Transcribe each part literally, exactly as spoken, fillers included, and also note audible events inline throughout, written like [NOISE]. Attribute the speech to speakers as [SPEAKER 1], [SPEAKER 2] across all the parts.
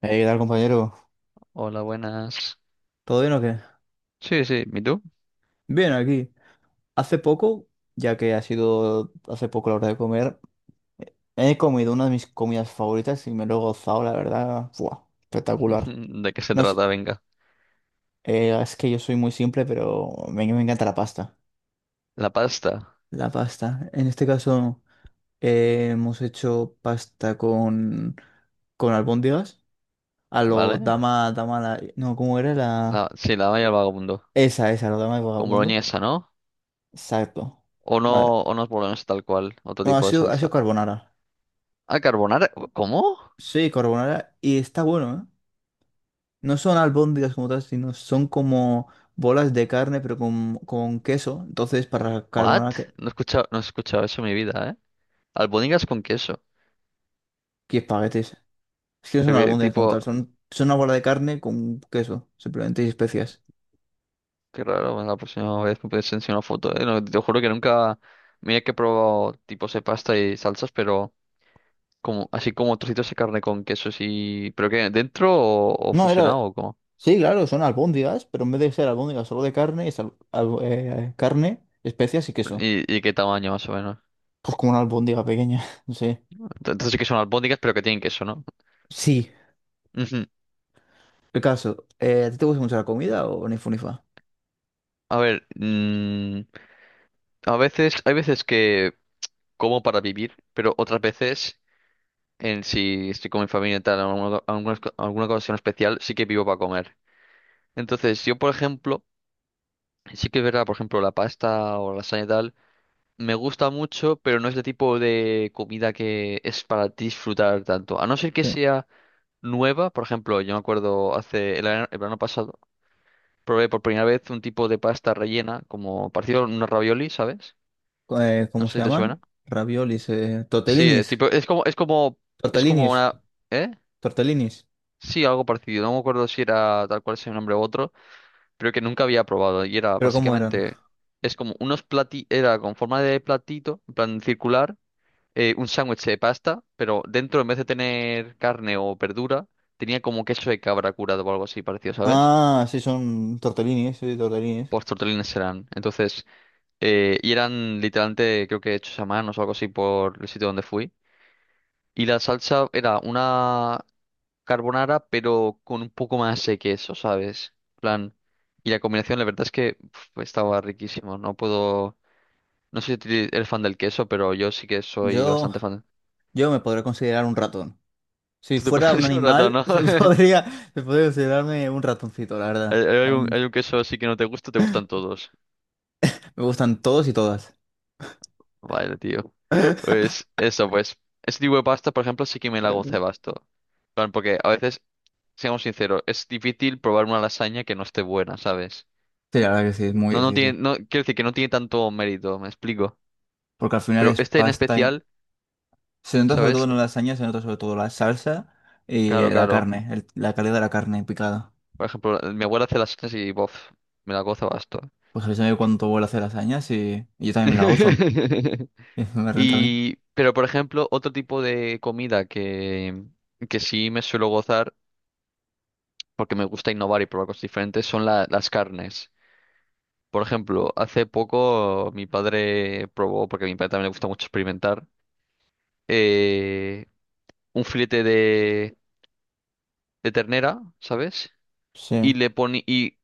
[SPEAKER 1] Hey, ¿qué tal, compañero?
[SPEAKER 2] Hola, buenas.
[SPEAKER 1] ¿Todo bien o qué?
[SPEAKER 2] Sí, sí, ¿y tú?
[SPEAKER 1] Bien, aquí. Hace poco, ya que ha sido hace poco la hora de comer, he comido una de mis comidas favoritas y me lo he gozado, la verdad. ¡Buah! Espectacular.
[SPEAKER 2] [LAUGHS] ¿De qué se
[SPEAKER 1] No sé,
[SPEAKER 2] trata? Venga.
[SPEAKER 1] eh, es que yo soy muy simple, pero me, me encanta la pasta.
[SPEAKER 2] La pasta,
[SPEAKER 1] La pasta. En este caso, eh, hemos hecho pasta con, con albóndigas. A lo
[SPEAKER 2] ¿vale?
[SPEAKER 1] dama, dama, la... No, ¿cómo era la...?
[SPEAKER 2] La, sí, la valla al vagabundo.
[SPEAKER 1] Esa, esa, lo dama de
[SPEAKER 2] Con
[SPEAKER 1] vagabundo.
[SPEAKER 2] boloñesa, ¿no?
[SPEAKER 1] Exacto.
[SPEAKER 2] O no,
[SPEAKER 1] Madre.
[SPEAKER 2] o no es boloñesa tal cual, otro
[SPEAKER 1] No, ha
[SPEAKER 2] tipo de
[SPEAKER 1] sido, ha sido
[SPEAKER 2] salsa.
[SPEAKER 1] carbonara.
[SPEAKER 2] Ah, carbonara. ¿Cómo?
[SPEAKER 1] Sí, carbonara. Y está bueno, ¿eh? No son albóndigas como tal, sino son como bolas de carne, pero con, con queso. Entonces, para
[SPEAKER 2] ¿What?
[SPEAKER 1] carbonara, que,
[SPEAKER 2] No he escuchado, no he escuchado eso en mi vida, ¿eh? Albóndigas con queso.
[SPEAKER 1] que espaguetis. Es que no son
[SPEAKER 2] Pero que
[SPEAKER 1] albóndigas como tal,
[SPEAKER 2] tipo,
[SPEAKER 1] son, son una bola de carne con queso, simplemente y especias.
[SPEAKER 2] qué raro, bueno, la próxima vez me puedes enseñar una foto, ¿eh? No, te juro que nunca. Mira que he probado tipos de pasta y salsas, pero. Como, así como trocitos de carne con queso y ¿pero qué? ¿Dentro o, o
[SPEAKER 1] No, era...
[SPEAKER 2] fusionado o cómo?
[SPEAKER 1] Sí, claro, son albóndigas, pero en vez de ser albóndigas solo de carne, es al- al- eh, carne, especias y queso.
[SPEAKER 2] ¿Y, y qué tamaño más o menos?
[SPEAKER 1] Pues como una albóndiga pequeña, [LAUGHS] no sé.
[SPEAKER 2] Ent- Entonces sí que son albóndigas pero que tienen queso, ¿no?
[SPEAKER 1] Sí,
[SPEAKER 2] Ujú.
[SPEAKER 1] el caso. eh, ¿a ti te gusta mucho la comida o ni fu ni fa?
[SPEAKER 2] A ver, mm, a veces, hay veces que como para vivir, pero otras veces, en si estoy con mi familia y tal, alguna, alguna, alguna ocasión especial, sí que vivo para comer. Entonces yo, por ejemplo, sí que es verdad, por ejemplo, la pasta o la lasaña y tal, me gusta mucho, pero no es el tipo de comida que es para disfrutar tanto, a no ser que sea nueva. Por ejemplo, yo me acuerdo hace el, verano el verano pasado, probé por primera vez un tipo de pasta rellena, como parecido a unos ravioli, ¿sabes?
[SPEAKER 1] Eh,
[SPEAKER 2] No
[SPEAKER 1] ¿cómo
[SPEAKER 2] sé
[SPEAKER 1] se
[SPEAKER 2] si te suena.
[SPEAKER 1] llaman? Raviolis, eh,
[SPEAKER 2] Sí, es
[SPEAKER 1] tortellinis,
[SPEAKER 2] tipo, es como, es como, es como
[SPEAKER 1] tortellinis,
[SPEAKER 2] una, ¿eh?
[SPEAKER 1] tortellinis.
[SPEAKER 2] Sí, algo parecido. No me acuerdo si era tal cual ese nombre u otro, pero que nunca había probado. Y era
[SPEAKER 1] ¿Pero cómo eran?
[SPEAKER 2] básicamente, es como unos plati, era con forma de platito, en plan circular, eh, un sándwich de pasta, pero dentro, en vez de tener carne o verdura, tenía como queso de cabra curado o algo así parecido, ¿sabes?
[SPEAKER 1] Ah, sí, son tortellinis, sí, tortellinis.
[SPEAKER 2] Tortellines serán. Entonces, eh, y eran literalmente, creo que hechos a mano o algo así por el sitio donde fui. Y la salsa era una carbonara, pero con un poco más de queso, ¿sabes? Plan. Y la combinación, la verdad es que pf, estaba riquísimo. No puedo. No sé si ti- eres fan del queso, pero yo sí que soy
[SPEAKER 1] Yo,
[SPEAKER 2] bastante fan.
[SPEAKER 1] yo me podría considerar un ratón.
[SPEAKER 2] [LAUGHS]
[SPEAKER 1] Si
[SPEAKER 2] Tú te
[SPEAKER 1] fuera un
[SPEAKER 2] puedes [LAUGHS] un rato,
[SPEAKER 1] animal,
[SPEAKER 2] ¿no?
[SPEAKER 1] [LAUGHS] se
[SPEAKER 2] [LAUGHS]
[SPEAKER 1] podría, se podría considerarme un ratoncito, la verdad.
[SPEAKER 2] Hay hay
[SPEAKER 1] A
[SPEAKER 2] un,
[SPEAKER 1] mí
[SPEAKER 2] hay un queso así que no te gusta, te gustan todos.
[SPEAKER 1] me gustan todos y todas.
[SPEAKER 2] Vale, tío.
[SPEAKER 1] [LAUGHS]
[SPEAKER 2] Pues eso, pues. Ese tipo de pasta, por ejemplo, sí que me la hago un cebasto. Plan, porque a veces, seamos sinceros, es difícil probar una lasaña que no esté buena, ¿sabes?
[SPEAKER 1] Sí, la verdad que sí, es muy
[SPEAKER 2] No, no
[SPEAKER 1] difícil.
[SPEAKER 2] tiene, no, quiero decir que no tiene tanto mérito, me explico.
[SPEAKER 1] Porque al final
[SPEAKER 2] Pero
[SPEAKER 1] es
[SPEAKER 2] este en
[SPEAKER 1] pasta y...
[SPEAKER 2] especial,
[SPEAKER 1] Se nota sobre todo
[SPEAKER 2] ¿sabes?
[SPEAKER 1] en la lasaña, se nota sobre todo la salsa y eh,
[SPEAKER 2] Claro,
[SPEAKER 1] la
[SPEAKER 2] claro.
[SPEAKER 1] carne, el- la calidad de la carne picada.
[SPEAKER 2] Por ejemplo, mi abuela hace lasañas y, bof, me la gozo basto.
[SPEAKER 1] Pues avísame cuando vuelva a hacer lasañas y, y yo también me la gozo.
[SPEAKER 2] [LAUGHS]
[SPEAKER 1] [LAUGHS] Y eso me renta a mí.
[SPEAKER 2] Y, pero por ejemplo, otro tipo de comida que, que sí me suelo gozar, porque me gusta innovar y probar cosas diferentes, son la- las carnes. Por ejemplo, hace poco mi padre probó, porque a mi padre también le gusta mucho experimentar, eh, un filete de, de ternera, ¿sabes? Y
[SPEAKER 1] Sí.
[SPEAKER 2] le pone y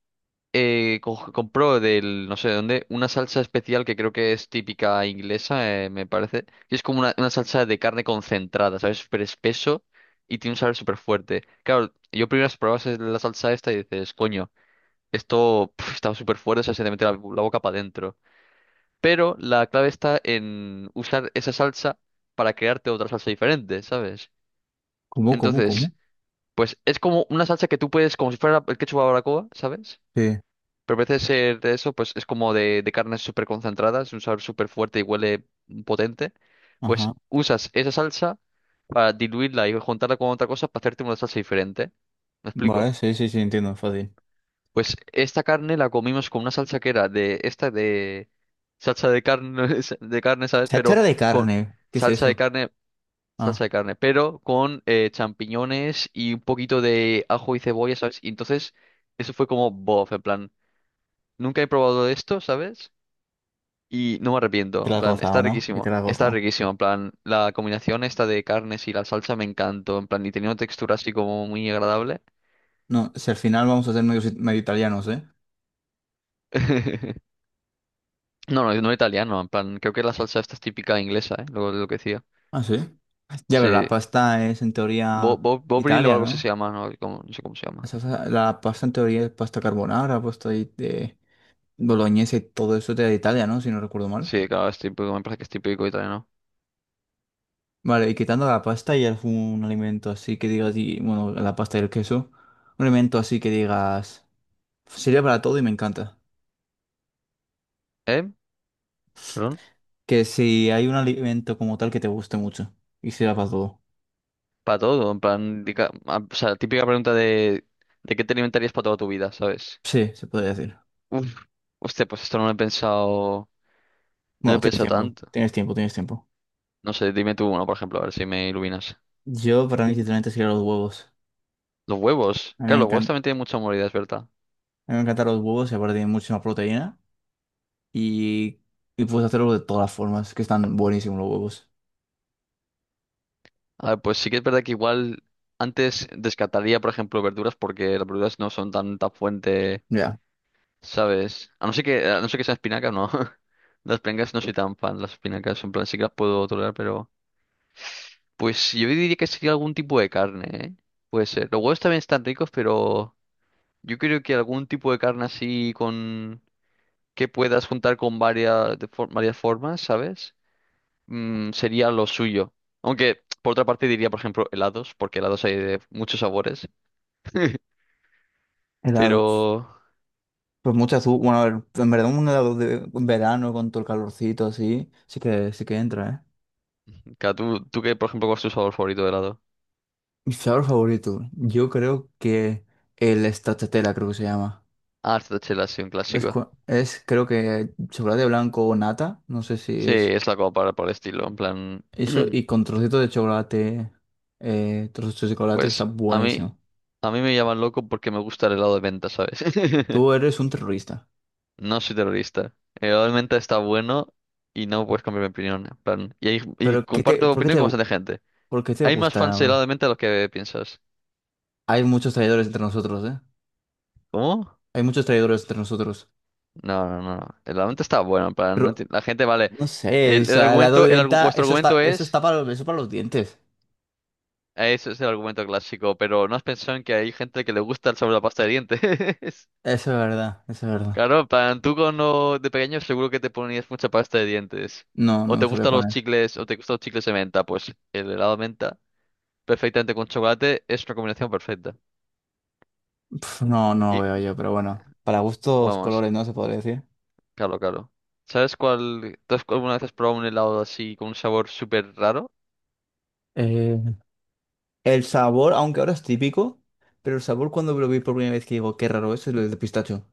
[SPEAKER 2] eh, co- compró del no sé de dónde una salsa especial que creo que es típica inglesa, eh, me parece. Y es como una, una salsa de carne concentrada, ¿sabes? Súper espeso y tiene un sabor súper fuerte. Claro, yo primero probas la salsa esta y dices, coño, esto pf, está súper fuerte, o sea, se te mete la la boca para adentro. Pero la clave está en usar esa salsa para crearte otra salsa diferente, ¿sabes?
[SPEAKER 1] ¿Cómo, cómo, cómo?
[SPEAKER 2] Entonces, pues es como una salsa que tú puedes, como si fuera el ketchup a la barbacoa, ¿sabes?
[SPEAKER 1] Sí.
[SPEAKER 2] Pero en vez de ser de eso, pues es como de, de carne súper concentrada, es un sabor súper fuerte y huele potente.
[SPEAKER 1] Ajá.
[SPEAKER 2] Pues usas esa salsa para diluirla y juntarla con otra cosa para hacerte una salsa diferente. ¿Me explico?
[SPEAKER 1] Vale, sí, sí, sí, entiendo, fácil.
[SPEAKER 2] Pues esta carne la comimos con una salsa que era de esta de salsa de carne [LAUGHS] de carne, ¿sabes? Pero
[SPEAKER 1] Cháchara de
[SPEAKER 2] con
[SPEAKER 1] carne. ¿Qué es
[SPEAKER 2] salsa de
[SPEAKER 1] eso?
[SPEAKER 2] carne, salsa
[SPEAKER 1] Ah,
[SPEAKER 2] de carne, pero con eh, champiñones y un poquito de ajo y cebolla, ¿sabes? Y entonces eso fue como bof, en plan, nunca he probado esto, ¿sabes? Y no me arrepiento,
[SPEAKER 1] te
[SPEAKER 2] en
[SPEAKER 1] la has
[SPEAKER 2] plan,
[SPEAKER 1] gozado,
[SPEAKER 2] está
[SPEAKER 1] ¿no? Y te
[SPEAKER 2] riquísimo,
[SPEAKER 1] la has
[SPEAKER 2] está
[SPEAKER 1] gozado.
[SPEAKER 2] riquísimo, en plan, la combinación esta de carnes y la salsa me encantó, en plan, y tenía una textura así como muy agradable.
[SPEAKER 1] No, si al final vamos a ser medio, si, medio italianos, ¿eh?
[SPEAKER 2] [LAUGHS] No, no, no italiano, en plan, creo que la salsa esta es típica inglesa, ¿eh? Lo, lo que decía.
[SPEAKER 1] Ah, sí. Ya, pero la
[SPEAKER 2] Sí.
[SPEAKER 1] pasta es en
[SPEAKER 2] Bo,
[SPEAKER 1] teoría
[SPEAKER 2] Bo- Bovril o
[SPEAKER 1] Italia,
[SPEAKER 2] algo así
[SPEAKER 1] ¿no?
[SPEAKER 2] se llama, no, Como- no sé cómo se
[SPEAKER 1] O
[SPEAKER 2] llama.
[SPEAKER 1] sea, la pasta en teoría es pasta carbonara, pasta de, de boloñesa y todo eso de Italia, ¿no? Si no recuerdo mal.
[SPEAKER 2] Sí, claro, es típico, me parece que es típico italiano.
[SPEAKER 1] Vale, y quitando la pasta y algún alimento así que digas, y, bueno, la pasta y el queso, un alimento así que digas, sirve para todo y me encanta.
[SPEAKER 2] ¿Eh? ¿Perdón?
[SPEAKER 1] Que si hay un alimento como tal que te guste mucho y sirva para todo.
[SPEAKER 2] Para todo, en plan, dica- ah, o sea, típica pregunta de, de qué te alimentarías para toda tu vida, ¿sabes?
[SPEAKER 1] Sí, se puede decir.
[SPEAKER 2] Uf, hostia, pues esto no lo he pensado, no lo he
[SPEAKER 1] Bueno, tienes
[SPEAKER 2] pensado
[SPEAKER 1] tiempo,
[SPEAKER 2] tanto.
[SPEAKER 1] tienes tiempo, tienes tiempo.
[SPEAKER 2] No sé, dime tú uno, por ejemplo, a ver si me iluminas.
[SPEAKER 1] Yo, para mí, sinceramente, serían los huevos.
[SPEAKER 2] Los huevos,
[SPEAKER 1] A mí me
[SPEAKER 2] claro, los huevos
[SPEAKER 1] encantan,
[SPEAKER 2] también tienen mucha moralidad, es verdad.
[SPEAKER 1] a mí me encantan los huevos y aparte tienen muchísima proteína y, y puedes hacerlo de todas las formas, que están buenísimos los huevos.
[SPEAKER 2] A ver, pues sí que es verdad que igual antes descartaría, por ejemplo, verduras porque las verduras no son tan, tan fuente,
[SPEAKER 1] Ya.
[SPEAKER 2] ¿sabes? A no ser que, a no ser que sean espinacas, no. [LAUGHS] Las espinacas no soy tan fan, las espinacas en plan sí que las puedo tolerar, pero pues yo diría que sería algún tipo de carne, ¿eh? Puede ser. Los huevos también están ricos, pero yo creo que algún tipo de carne así con que puedas juntar con varias de for- varias formas, ¿sabes? Mm, sería lo suyo. Aunque por otra parte diría, por ejemplo, helados, porque helados hay de muchos sabores.
[SPEAKER 1] Helados.
[SPEAKER 2] Pero,
[SPEAKER 1] Pues mucha azúcar, bueno, a ver, en verdad un helado de en verano con todo el calorcito así, sí que, sí que entra, ¿eh?
[SPEAKER 2] claro, ¿tú, tú qué, por ejemplo, cuál es tu sabor favorito de helado?
[SPEAKER 1] Mi sabor favorito, yo creo que el stracciatella creo que se llama.
[SPEAKER 2] Ah, esta chela es un
[SPEAKER 1] Es,
[SPEAKER 2] clásico.
[SPEAKER 1] cua- es creo que chocolate blanco o nata, no sé si
[SPEAKER 2] Sí,
[SPEAKER 1] es
[SPEAKER 2] es la copa para por el estilo, en plan,
[SPEAKER 1] eso,
[SPEAKER 2] [CLEARS THROAT]
[SPEAKER 1] y con trocitos de chocolate, eh, trozos de chocolate que está
[SPEAKER 2] pues a mí,
[SPEAKER 1] buenísimo.
[SPEAKER 2] a mí me llaman loco porque me gusta el helado de menta, ¿sabes?
[SPEAKER 1] Tú
[SPEAKER 2] [LAUGHS]
[SPEAKER 1] eres un terrorista,
[SPEAKER 2] No soy terrorista. El helado de menta está bueno y no puedes cambiar mi opinión, en plan, y, hay- y
[SPEAKER 1] pero ¿qué te,
[SPEAKER 2] comparto
[SPEAKER 1] ¿por qué
[SPEAKER 2] opinión
[SPEAKER 1] te,
[SPEAKER 2] con bastante gente.
[SPEAKER 1] por qué te
[SPEAKER 2] Hay más fans del
[SPEAKER 1] gusta?
[SPEAKER 2] helado de menta de lo que piensas.
[SPEAKER 1] Hay muchos traidores entre nosotros, ¿eh?
[SPEAKER 2] ¿Cómo?
[SPEAKER 1] Hay muchos traidores entre nosotros.
[SPEAKER 2] No, no, no, no. El helado de menta está bueno, en plan, no enti-
[SPEAKER 1] Pero
[SPEAKER 2] la gente, vale.
[SPEAKER 1] No sé, o
[SPEAKER 2] El, el
[SPEAKER 1] sea, el lado
[SPEAKER 2] argumento,
[SPEAKER 1] de
[SPEAKER 2] el, argu-
[SPEAKER 1] venta,
[SPEAKER 2] vuestro
[SPEAKER 1] eso
[SPEAKER 2] argumento
[SPEAKER 1] está, eso
[SPEAKER 2] es
[SPEAKER 1] está para los, eso para los dientes.
[SPEAKER 2] eso, es el argumento clásico, pero ¿no has pensado en que hay gente que le gusta el sabor de la pasta de dientes? [LAUGHS]
[SPEAKER 1] Eso es verdad, eso es verdad.
[SPEAKER 2] Claro, en plan, tú cuando de pequeño seguro que te ponías mucha pasta de dientes.
[SPEAKER 1] No,
[SPEAKER 2] O
[SPEAKER 1] no
[SPEAKER 2] te
[SPEAKER 1] me suele
[SPEAKER 2] gustan los
[SPEAKER 1] poner.
[SPEAKER 2] chicles, o te gustan los chicles de menta, pues el helado de menta, perfectamente con chocolate, es una combinación perfecta.
[SPEAKER 1] Pf, no, no lo
[SPEAKER 2] Y
[SPEAKER 1] veo yo, pero bueno. Para gustos,
[SPEAKER 2] vamos,
[SPEAKER 1] colores, ¿no? Se podría decir.
[SPEAKER 2] claro, claro. ¿Sabes cuál? ¿Tú has- alguna vez has probado un helado así con un sabor súper raro?
[SPEAKER 1] Eh, El sabor, aunque ahora es típico, pero el sabor cuando lo vi por primera vez que digo, qué raro eso, es el de pistacho.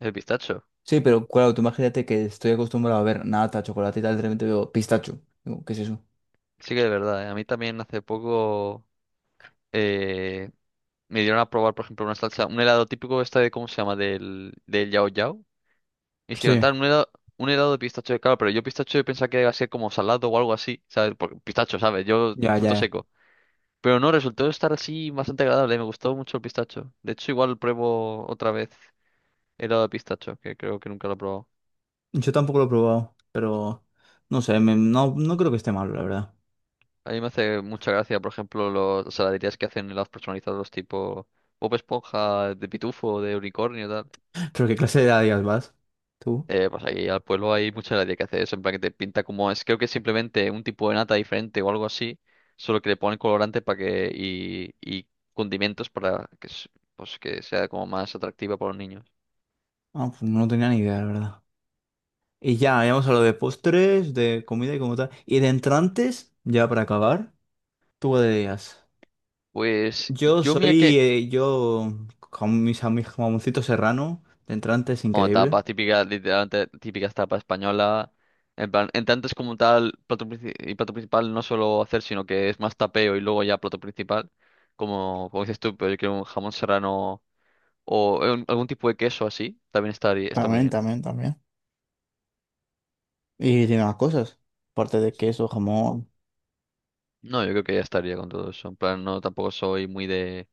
[SPEAKER 2] El pistacho.
[SPEAKER 1] Sí, pero claro, tú imagínate que estoy acostumbrado a ver nata, chocolate y tal, de repente veo pistacho. Digo, ¿qué es eso?
[SPEAKER 2] Sí que de verdad, ¿eh? A mí también hace poco eh, me dieron a probar, por ejemplo, una salsa, un helado típico este de, ¿cómo se llama? Del, del Yao Yao. Me hicieron
[SPEAKER 1] Sí,
[SPEAKER 2] tal, un helado, un helado de pistacho, claro, pero yo pistacho yo pensaba que iba a ser como salado o algo así, ¿sabes? Porque pistacho, ¿sabes? Yo
[SPEAKER 1] ya,
[SPEAKER 2] fruto
[SPEAKER 1] ya.
[SPEAKER 2] seco. Pero no, resultó estar así bastante agradable, me gustó mucho el pistacho. De hecho, igual pruebo otra vez helado de pistacho, que creo que nunca lo he probado.
[SPEAKER 1] Yo tampoco lo he probado, pero no sé, me- no, no creo que esté malo, la verdad.
[SPEAKER 2] A mí me hace mucha gracia, por ejemplo, los, las heladerías que hacen helados personalizados tipo Bob Esponja, de Pitufo, de Unicornio, tal.
[SPEAKER 1] ¿Pero qué clase de Adidas vas? ¿Tú?
[SPEAKER 2] Eh, pues aquí al pueblo hay mucha gracia que hace eso, en plan que te pinta como es, creo que es simplemente un tipo de nata diferente o algo así, solo que le ponen colorante para que y, y condimentos para que, s- pues, que sea como más atractiva para los niños.
[SPEAKER 1] Ah, pues no tenía ni idea, la verdad. Y ya, habíamos hablado de postres, de comida y como tal. Y de entrantes, ya para acabar, tú qué días.
[SPEAKER 2] Pues
[SPEAKER 1] Yo
[SPEAKER 2] yo mira
[SPEAKER 1] soy,
[SPEAKER 2] que,
[SPEAKER 1] eh, yo, con mis amigos, jamoncito serrano, de entrantes
[SPEAKER 2] oh,
[SPEAKER 1] increíble.
[SPEAKER 2] tapas típicas, literalmente típicas tapas española, en plan, en tanto es como tal, plato, princi- y plato principal no solo hacer, sino que es más tapeo y luego ya plato principal, como, como dices tú, pero yo quiero un jamón serrano o eh, un- algún tipo de queso así, también está está muy
[SPEAKER 1] También,
[SPEAKER 2] bien.
[SPEAKER 1] también, también. Y tiene más cosas. Aparte de queso, jamón.
[SPEAKER 2] No, yo creo que ya estaría con todo eso. En plan, no, tampoco soy muy de,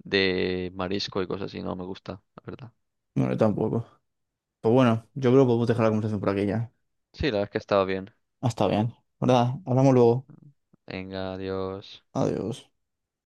[SPEAKER 2] de marisco y cosas así, no me gusta, la verdad.
[SPEAKER 1] No, yo tampoco. Pues bueno, yo creo que podemos dejar la conversación por aquí ya.
[SPEAKER 2] Sí, la verdad es que estaba bien.
[SPEAKER 1] Ah, está bien, ¿verdad? Hablamos luego.
[SPEAKER 2] Venga, adiós.
[SPEAKER 1] Adiós.